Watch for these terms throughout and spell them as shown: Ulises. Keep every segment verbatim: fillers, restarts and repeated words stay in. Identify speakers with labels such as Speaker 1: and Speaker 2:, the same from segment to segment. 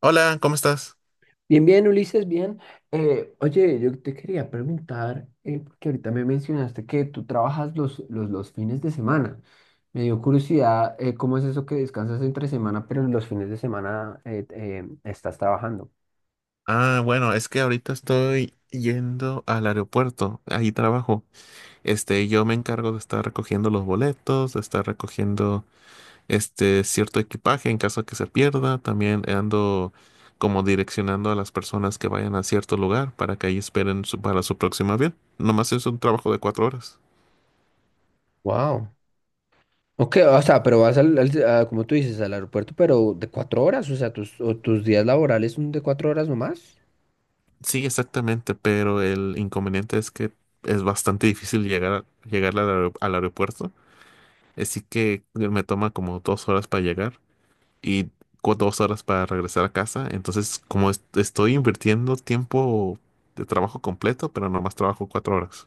Speaker 1: Hola, ¿cómo estás?
Speaker 2: Bien, bien, Ulises, bien. Eh, oye, yo te quería preguntar, eh, porque ahorita me mencionaste que tú trabajas los, los, los fines de semana. Me dio curiosidad, eh, ¿cómo es eso que descansas entre semana, pero los fines de semana eh, eh, estás trabajando?
Speaker 1: Ah, bueno, es que ahorita estoy yendo al aeropuerto, ahí trabajo. Este, yo me encargo de estar recogiendo los boletos, de estar recogiendo este cierto equipaje en caso que se pierda. También ando como direccionando a las personas que vayan a cierto lugar para que ahí esperen su- para su próximo avión. Nomás es un trabajo de cuatro horas.
Speaker 2: Wow. Ok, o sea, pero vas al, al- a, como tú dices, al aeropuerto, pero de cuatro horas, o sea, tus, o tus días laborales son de cuatro horas nomás.
Speaker 1: Sí, exactamente, pero el inconveniente es que es bastante difícil llegar, a- llegar al aer- al aeropuerto. Así que me toma como dos horas para llegar y cu- dos horas para regresar a casa. Entonces, como est- estoy invirtiendo tiempo de trabajo completo, pero nomás trabajo cuatro horas.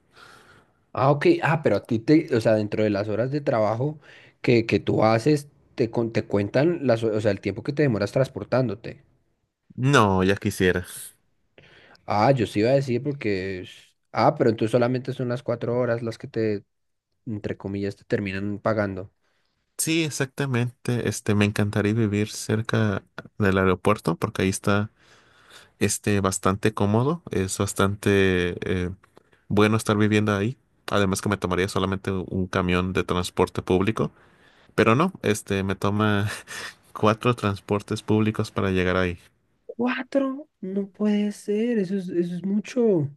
Speaker 2: Ah, ok. Ah, pero a ti te, o sea, dentro de las horas de trabajo que, que tú haces, te, con- te cuentan las, o sea, el tiempo que te demoras transportándote.
Speaker 1: No, ya quisiera.
Speaker 2: Ah, yo sí iba a decir porque, es- ah, pero entonces solamente son las cuatro horas las que te, entre comillas, te terminan pagando.
Speaker 1: Sí, exactamente. Este, me encantaría vivir cerca del aeropuerto porque ahí está este, bastante cómodo. Es bastante eh, bueno estar viviendo ahí. Además que me tomaría solamente un camión de transporte público. Pero no, este, me toma cuatro transportes públicos para llegar ahí.
Speaker 2: Cuatro, no puede ser, eso es, eso es mucho.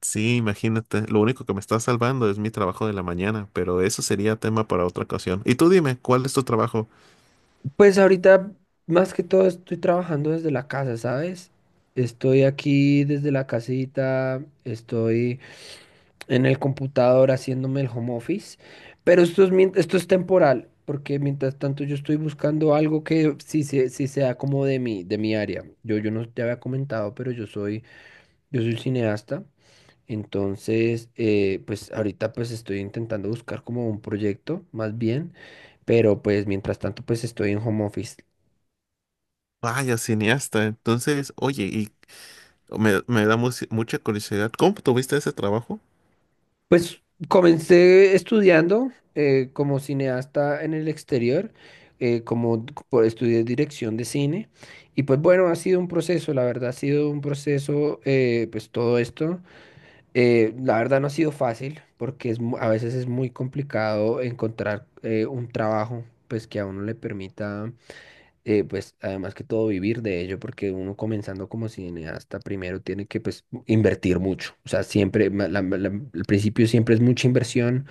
Speaker 1: Sí, imagínate, lo único que me está salvando es mi trabajo de la mañana, pero eso sería tema para otra ocasión. Y tú dime, ¿cuál es tu trabajo?
Speaker 2: Pues ahorita, más que todo, estoy trabajando desde la casa, ¿sabes? Estoy aquí desde la casita, estoy en el computador haciéndome el home office, pero esto es, mien- esto es temporal, porque mientras tanto yo estoy buscando algo que sí, se- sí sea como de mi, de mi área. Yo, yo no te había comentado, pero yo soy, yo soy cineasta, entonces eh, pues ahorita pues estoy intentando buscar como un proyecto más bien, pero pues mientras tanto pues estoy en home office.
Speaker 1: Vaya, cineasta. Entonces, oye, y me, me da mu- mucha curiosidad, ¿cómo tuviste ese trabajo?
Speaker 2: Pues comencé estudiando eh, como cineasta en el exterior, eh, como d- por- estudié dirección de cine y pues bueno, ha sido un proceso, la verdad ha sido un proceso, eh, pues todo esto. Eh, la verdad no ha sido fácil porque es, mu- a veces es muy complicado encontrar eh, un trabajo pues que a uno le permita, eh, pues además que todo, vivir de ello, porque uno comenzando como cineasta primero tiene que pues invertir mucho, o sea, siempre, ma- la- la- el principio siempre es mucha inversión,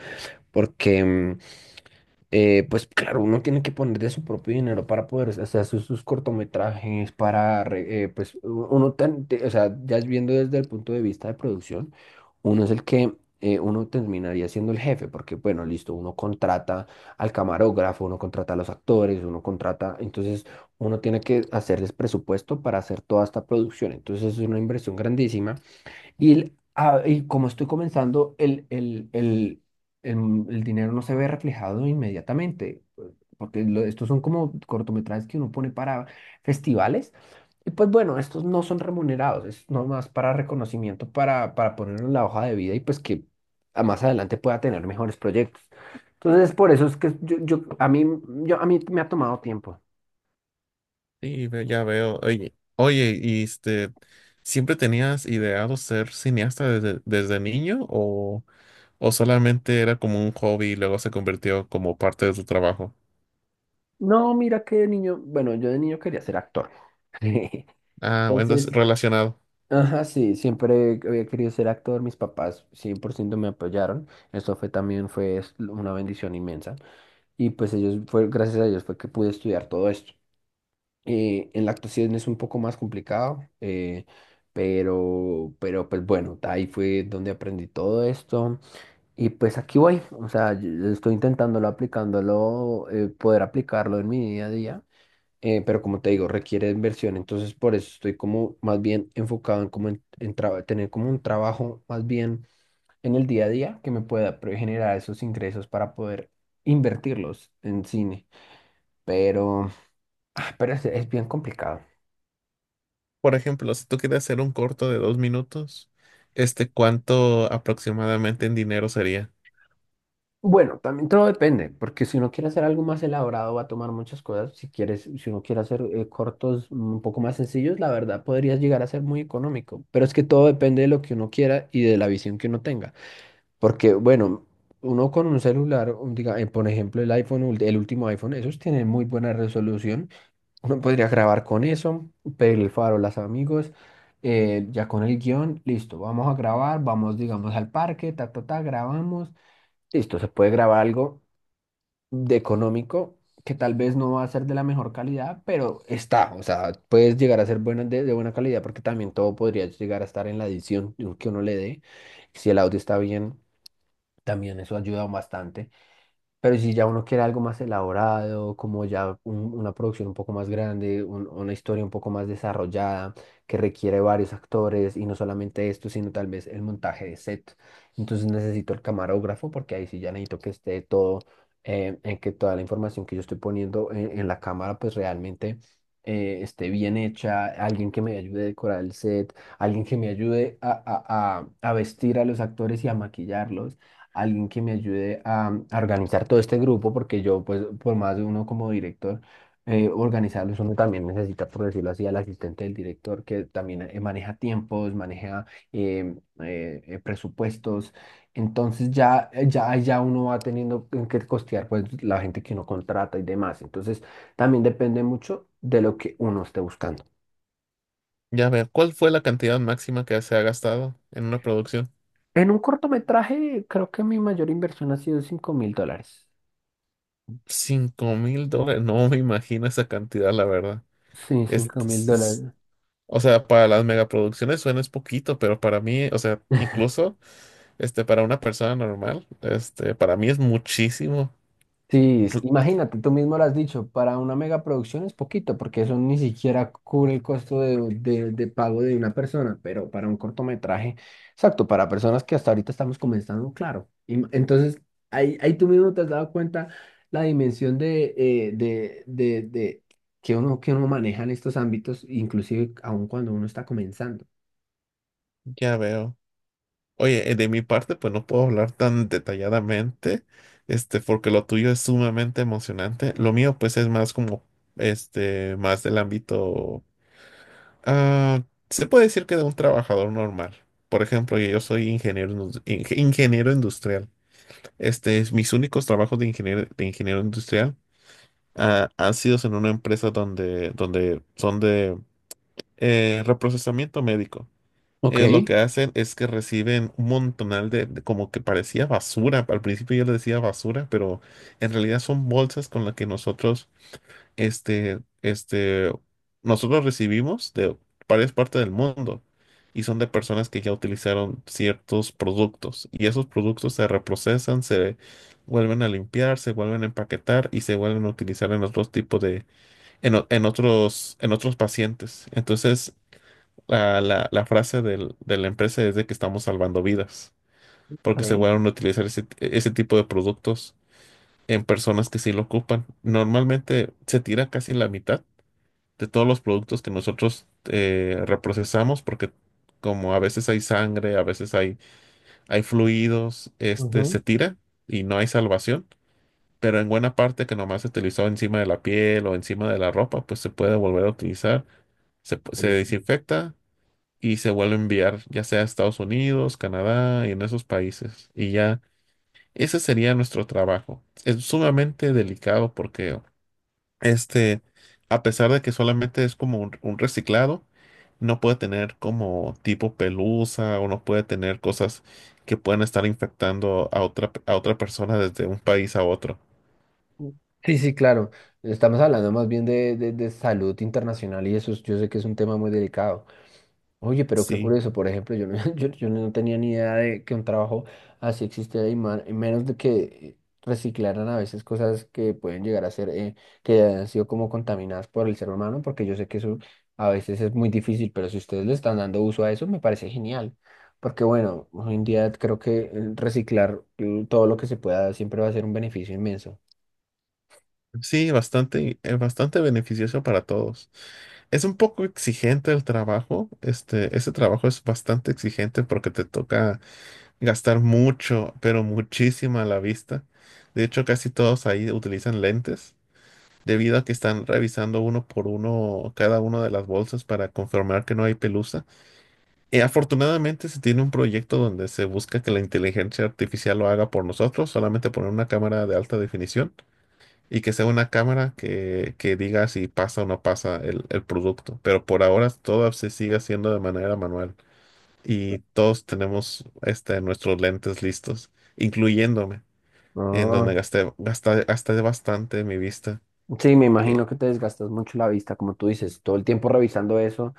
Speaker 2: porque mm, eh, pues claro, uno tiene que poner de su propio dinero para poder hacer sus, sus cortometrajes, para, re- eh, pues u- uno, tan- te- o sea, ya viendo desde el punto de vista de producción, uno es el que, eh, uno terminaría siendo el jefe, porque bueno, listo, uno contrata al camarógrafo, uno contrata a los actores, uno contrata, entonces uno tiene que hacerles presupuesto para hacer toda esta producción, entonces es una inversión grandísima y, el- ah, y como estoy comenzando, el, el, el, el- el dinero no se ve reflejado inmediatamente, pues, porque lo- estos son como cortometrajes que uno pone para festivales. Y pues bueno, estos no son remunerados, es nomás para reconocimiento, para, para ponerlo en la hoja de vida y pues que a más adelante pueda tener mejores proyectos. Entonces, por eso es que yo, yo, a mí, yo, a mí me ha tomado tiempo.
Speaker 1: Sí, ve- ya veo. Oye, oye, y este, ¿siempre tenías ideado ser cineasta desde, desde niño o, o solamente era como un hobby y luego se convirtió como parte de tu trabajo?
Speaker 2: No, mira que de niño, bueno, yo de niño quería ser actor.
Speaker 1: Ah, bueno, es
Speaker 2: Entonces,
Speaker 1: relacionado.
Speaker 2: ajá, sí, siempre había querido ser actor, mis papás cien por ciento me apoyaron, eso fue también fue es- una bendición inmensa y pues ellos fue gracias a ellos fue que pude estudiar todo esto. Eh, en la actuación es un poco más complicado, eh, pero pero pues bueno, ahí fue donde aprendí todo esto y pues aquí voy, o sea, yo- yo estoy intentándolo, aplicándolo, eh, poder aplicarlo en mi día a día, eh, pero como te digo, requiere inversión, entonces por eso estoy como más bien enfocado en, como en, en traba- tener como un trabajo más bien en el día a día que me pueda pre- generar esos ingresos para poder invertirlos en cine, pero, ah, pero es, es bien complicado.
Speaker 1: Por ejemplo, si tú quieres hacer un corto de dos minutos, este, ¿cuánto aproximadamente en dinero sería?
Speaker 2: Bueno, también todo depende, porque si uno quiere hacer algo más elaborado va a tomar muchas cosas. Si quieres, si uno quiere hacer eh, cortos, mm, un poco más sencillos, la verdad podría llegar a ser muy económico, pero es que todo depende de lo que uno quiera y de la visión que uno tenga. Porque, bueno, uno con un celular, un- diga, eh, por ejemplo, el iPhone, ul- el último iPhone, esos tienen muy buena resolución. Uno podría grabar con eso, pedir el farol a los amigos, eh, ya con el guión, listo, vamos a grabar, vamos, digamos, al parque, ta, ta, ta, grabamos. Listo, se puede grabar algo de económico que tal vez no va a ser de la mejor calidad, pero está, o sea, puedes llegar a ser buena, de, de, buena calidad porque también todo podría llegar a estar en la edición que uno le dé, si el audio está bien. También eso ayuda bastante. Pero si ya uno quiere algo más elaborado, como ya un- una producción un poco más grande, un- una historia un poco más desarrollada, que requiere varios actores y no solamente esto, sino tal vez el montaje de set. Entonces necesito el camarógrafo porque ahí sí ya necesito que esté todo, eh, en que toda la información que yo estoy poniendo en, en la cámara pues realmente eh, esté bien hecha, alguien que me ayude a decorar el set, alguien que me ayude a, a a- a vestir a los actores y a maquillarlos, alguien que me ayude a, a, organizar todo este grupo, porque yo, pues, por más de uno como director, eh, organizarlos, uno también necesita, por decirlo así, al asistente del director, que también eh, maneja tiempos, maneja eh, eh, eh, presupuestos. Entonces ya, eh, ya, ya uno va teniendo en que costear, pues, la gente que uno contrata y demás. Entonces también depende mucho de lo que uno esté buscando.
Speaker 1: Ya ver, ¿cuál fue la cantidad máxima que se ha gastado en una producción?
Speaker 2: En un cortometraje, creo que mi mayor inversión ha sido cinco mil dólares.
Speaker 1: Cinco mil dólares. No me imagino esa cantidad, la verdad.
Speaker 2: Sí,
Speaker 1: Es-
Speaker 2: cinco mil
Speaker 1: es- es-
Speaker 2: dólares.
Speaker 1: o sea, para las megaproducciones suena es poquito, pero para mí, o sea, incluso este, para una persona normal, este, para mí es muchísimo.
Speaker 2: Sí, es-
Speaker 1: Cl-
Speaker 2: imagínate, tú mismo lo has dicho, para una megaproducción es poquito, porque eso ni siquiera cubre el costo de, de- de pago de una persona, pero para un cortometraje, exacto, para personas que hasta ahorita estamos comenzando, claro. Y m- entonces, ahí, ahí tú mismo te has dado cuenta la dimensión de, eh, de, de, de que uno, que uno maneja en estos ámbitos, inclusive aun cuando uno está comenzando.
Speaker 1: Ya veo. Oye, eh, de mi parte, pues no puedo hablar tan detalladamente, este, porque lo tuyo es sumamente emocionante. Lo mío, pues, es más como este, más del ámbito, ah, se puede decir que de un trabajador normal. Por ejemplo, yo soy ingeniero, indus- inge- ingeniero industrial. Este es mis únicos trabajos de ingeniero, de ingeniero industrial ah, han sido en una empresa donde, donde son de eh, reprocesamiento médico.
Speaker 2: Ok.
Speaker 1: Ellos lo que hacen es que reciben un montonal de, de como que parecía basura. Al principio yo le decía basura, pero en realidad son bolsas con las que nosotros, este, este, nosotros recibimos de varias partes del mundo y son de personas que ya utilizaron ciertos productos y esos productos se reprocesan, se vuelven a limpiar, se vuelven a empaquetar y se vuelven a utilizar en otros tipos de, en, o- en otros, en otros pacientes. Entonces, la, la, la frase del- de la empresa es de que estamos salvando vidas, porque se
Speaker 2: Ok.
Speaker 1: van a utilizar ese, ese tipo de productos en personas que sí lo ocupan. Normalmente se tira casi la mitad de todos los productos que nosotros eh, reprocesamos, porque como a veces hay sangre, a veces hay, hay fluidos, este, se tira y no hay salvación, pero en buena parte que nomás se utilizó encima de la piel o encima de la ropa, pues se puede volver a utilizar, se, se
Speaker 2: Ujú.
Speaker 1: desinfecta y se vuelve a enviar, ya sea a Estados Unidos, Canadá y en esos países. Y ya, ese sería nuestro trabajo. Es sumamente delicado porque, este, a pesar de que solamente es como un, un reciclado, no puede tener como tipo pelusa o no puede tener cosas que pueden estar infectando a otra, a otra persona desde un país a otro.
Speaker 2: Sí, sí, claro. Estamos hablando más bien de, de- de salud internacional y eso es- yo sé que es un tema muy delicado. Oye, pero qué
Speaker 1: Sí,
Speaker 2: curioso, por ejemplo, yo no, yo, yo no tenía ni idea de que un trabajo así existía y, ma- y menos de que reciclaran a veces cosas que pueden llegar a ser, eh, que han sido como contaminadas por el ser humano, porque yo sé que eso a veces es muy difícil, pero si ustedes le están dando uso a eso, me parece genial. Porque bueno, hoy en día creo que eh, reciclar, eh, todo lo que se pueda siempre va a ser un beneficio inmenso.
Speaker 1: sí, bastante, es bastante beneficioso para todos. Es un poco exigente el trabajo. Este, ese trabajo es bastante exigente porque te toca gastar mucho, pero muchísima la vista. De hecho, casi todos ahí utilizan lentes, debido a que están revisando uno por uno cada una de las bolsas para confirmar que no hay pelusa. Y afortunadamente se tiene un proyecto donde se busca que la inteligencia artificial lo haga por nosotros, solamente poner una cámara de alta definición y que sea una cámara que, que diga si pasa o no pasa el, el producto. Pero por ahora todo se sigue haciendo de manera manual y todos tenemos este, nuestros lentes listos, incluyéndome, en
Speaker 2: Ah,
Speaker 1: donde gasté, gasté, gasté bastante mi vista.
Speaker 2: sí, me
Speaker 1: Eh,
Speaker 2: imagino que te desgastas mucho la vista, como tú dices, todo el tiempo revisando eso,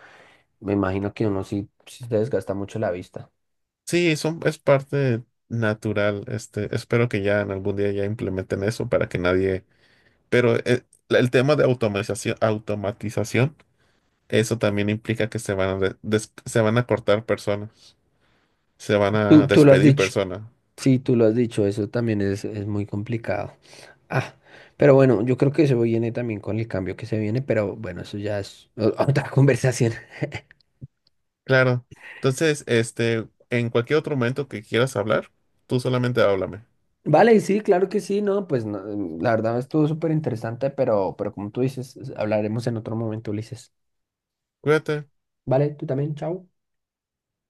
Speaker 2: me imagino que uno sí, sí se desgasta mucho la vista.
Speaker 1: sí, son, es parte natural. Este, espero que ya en algún día ya implementen eso para que nadie... Pero eh, la- el tema de automatización, automatización, eso también implica que se van a, des- des- se van a cortar personas. Se van a
Speaker 2: Tú, tú lo has
Speaker 1: despedir
Speaker 2: dicho,
Speaker 1: persona.
Speaker 2: sí, tú lo has dicho, eso también es, es muy complicado. Ah, pero bueno, yo creo que eso viene también con el cambio que se viene, pero bueno, eso ya es o- otra conversación.
Speaker 1: Claro. Entonces, este, en cualquier otro momento que quieras hablar, tú solamente háblame.
Speaker 2: Vale, sí, claro que sí, no, pues no, la verdad estuvo súper interesante, pero, pero como tú dices, hablaremos en otro momento, Ulises.
Speaker 1: Cuídate.
Speaker 2: Vale, tú también, chao.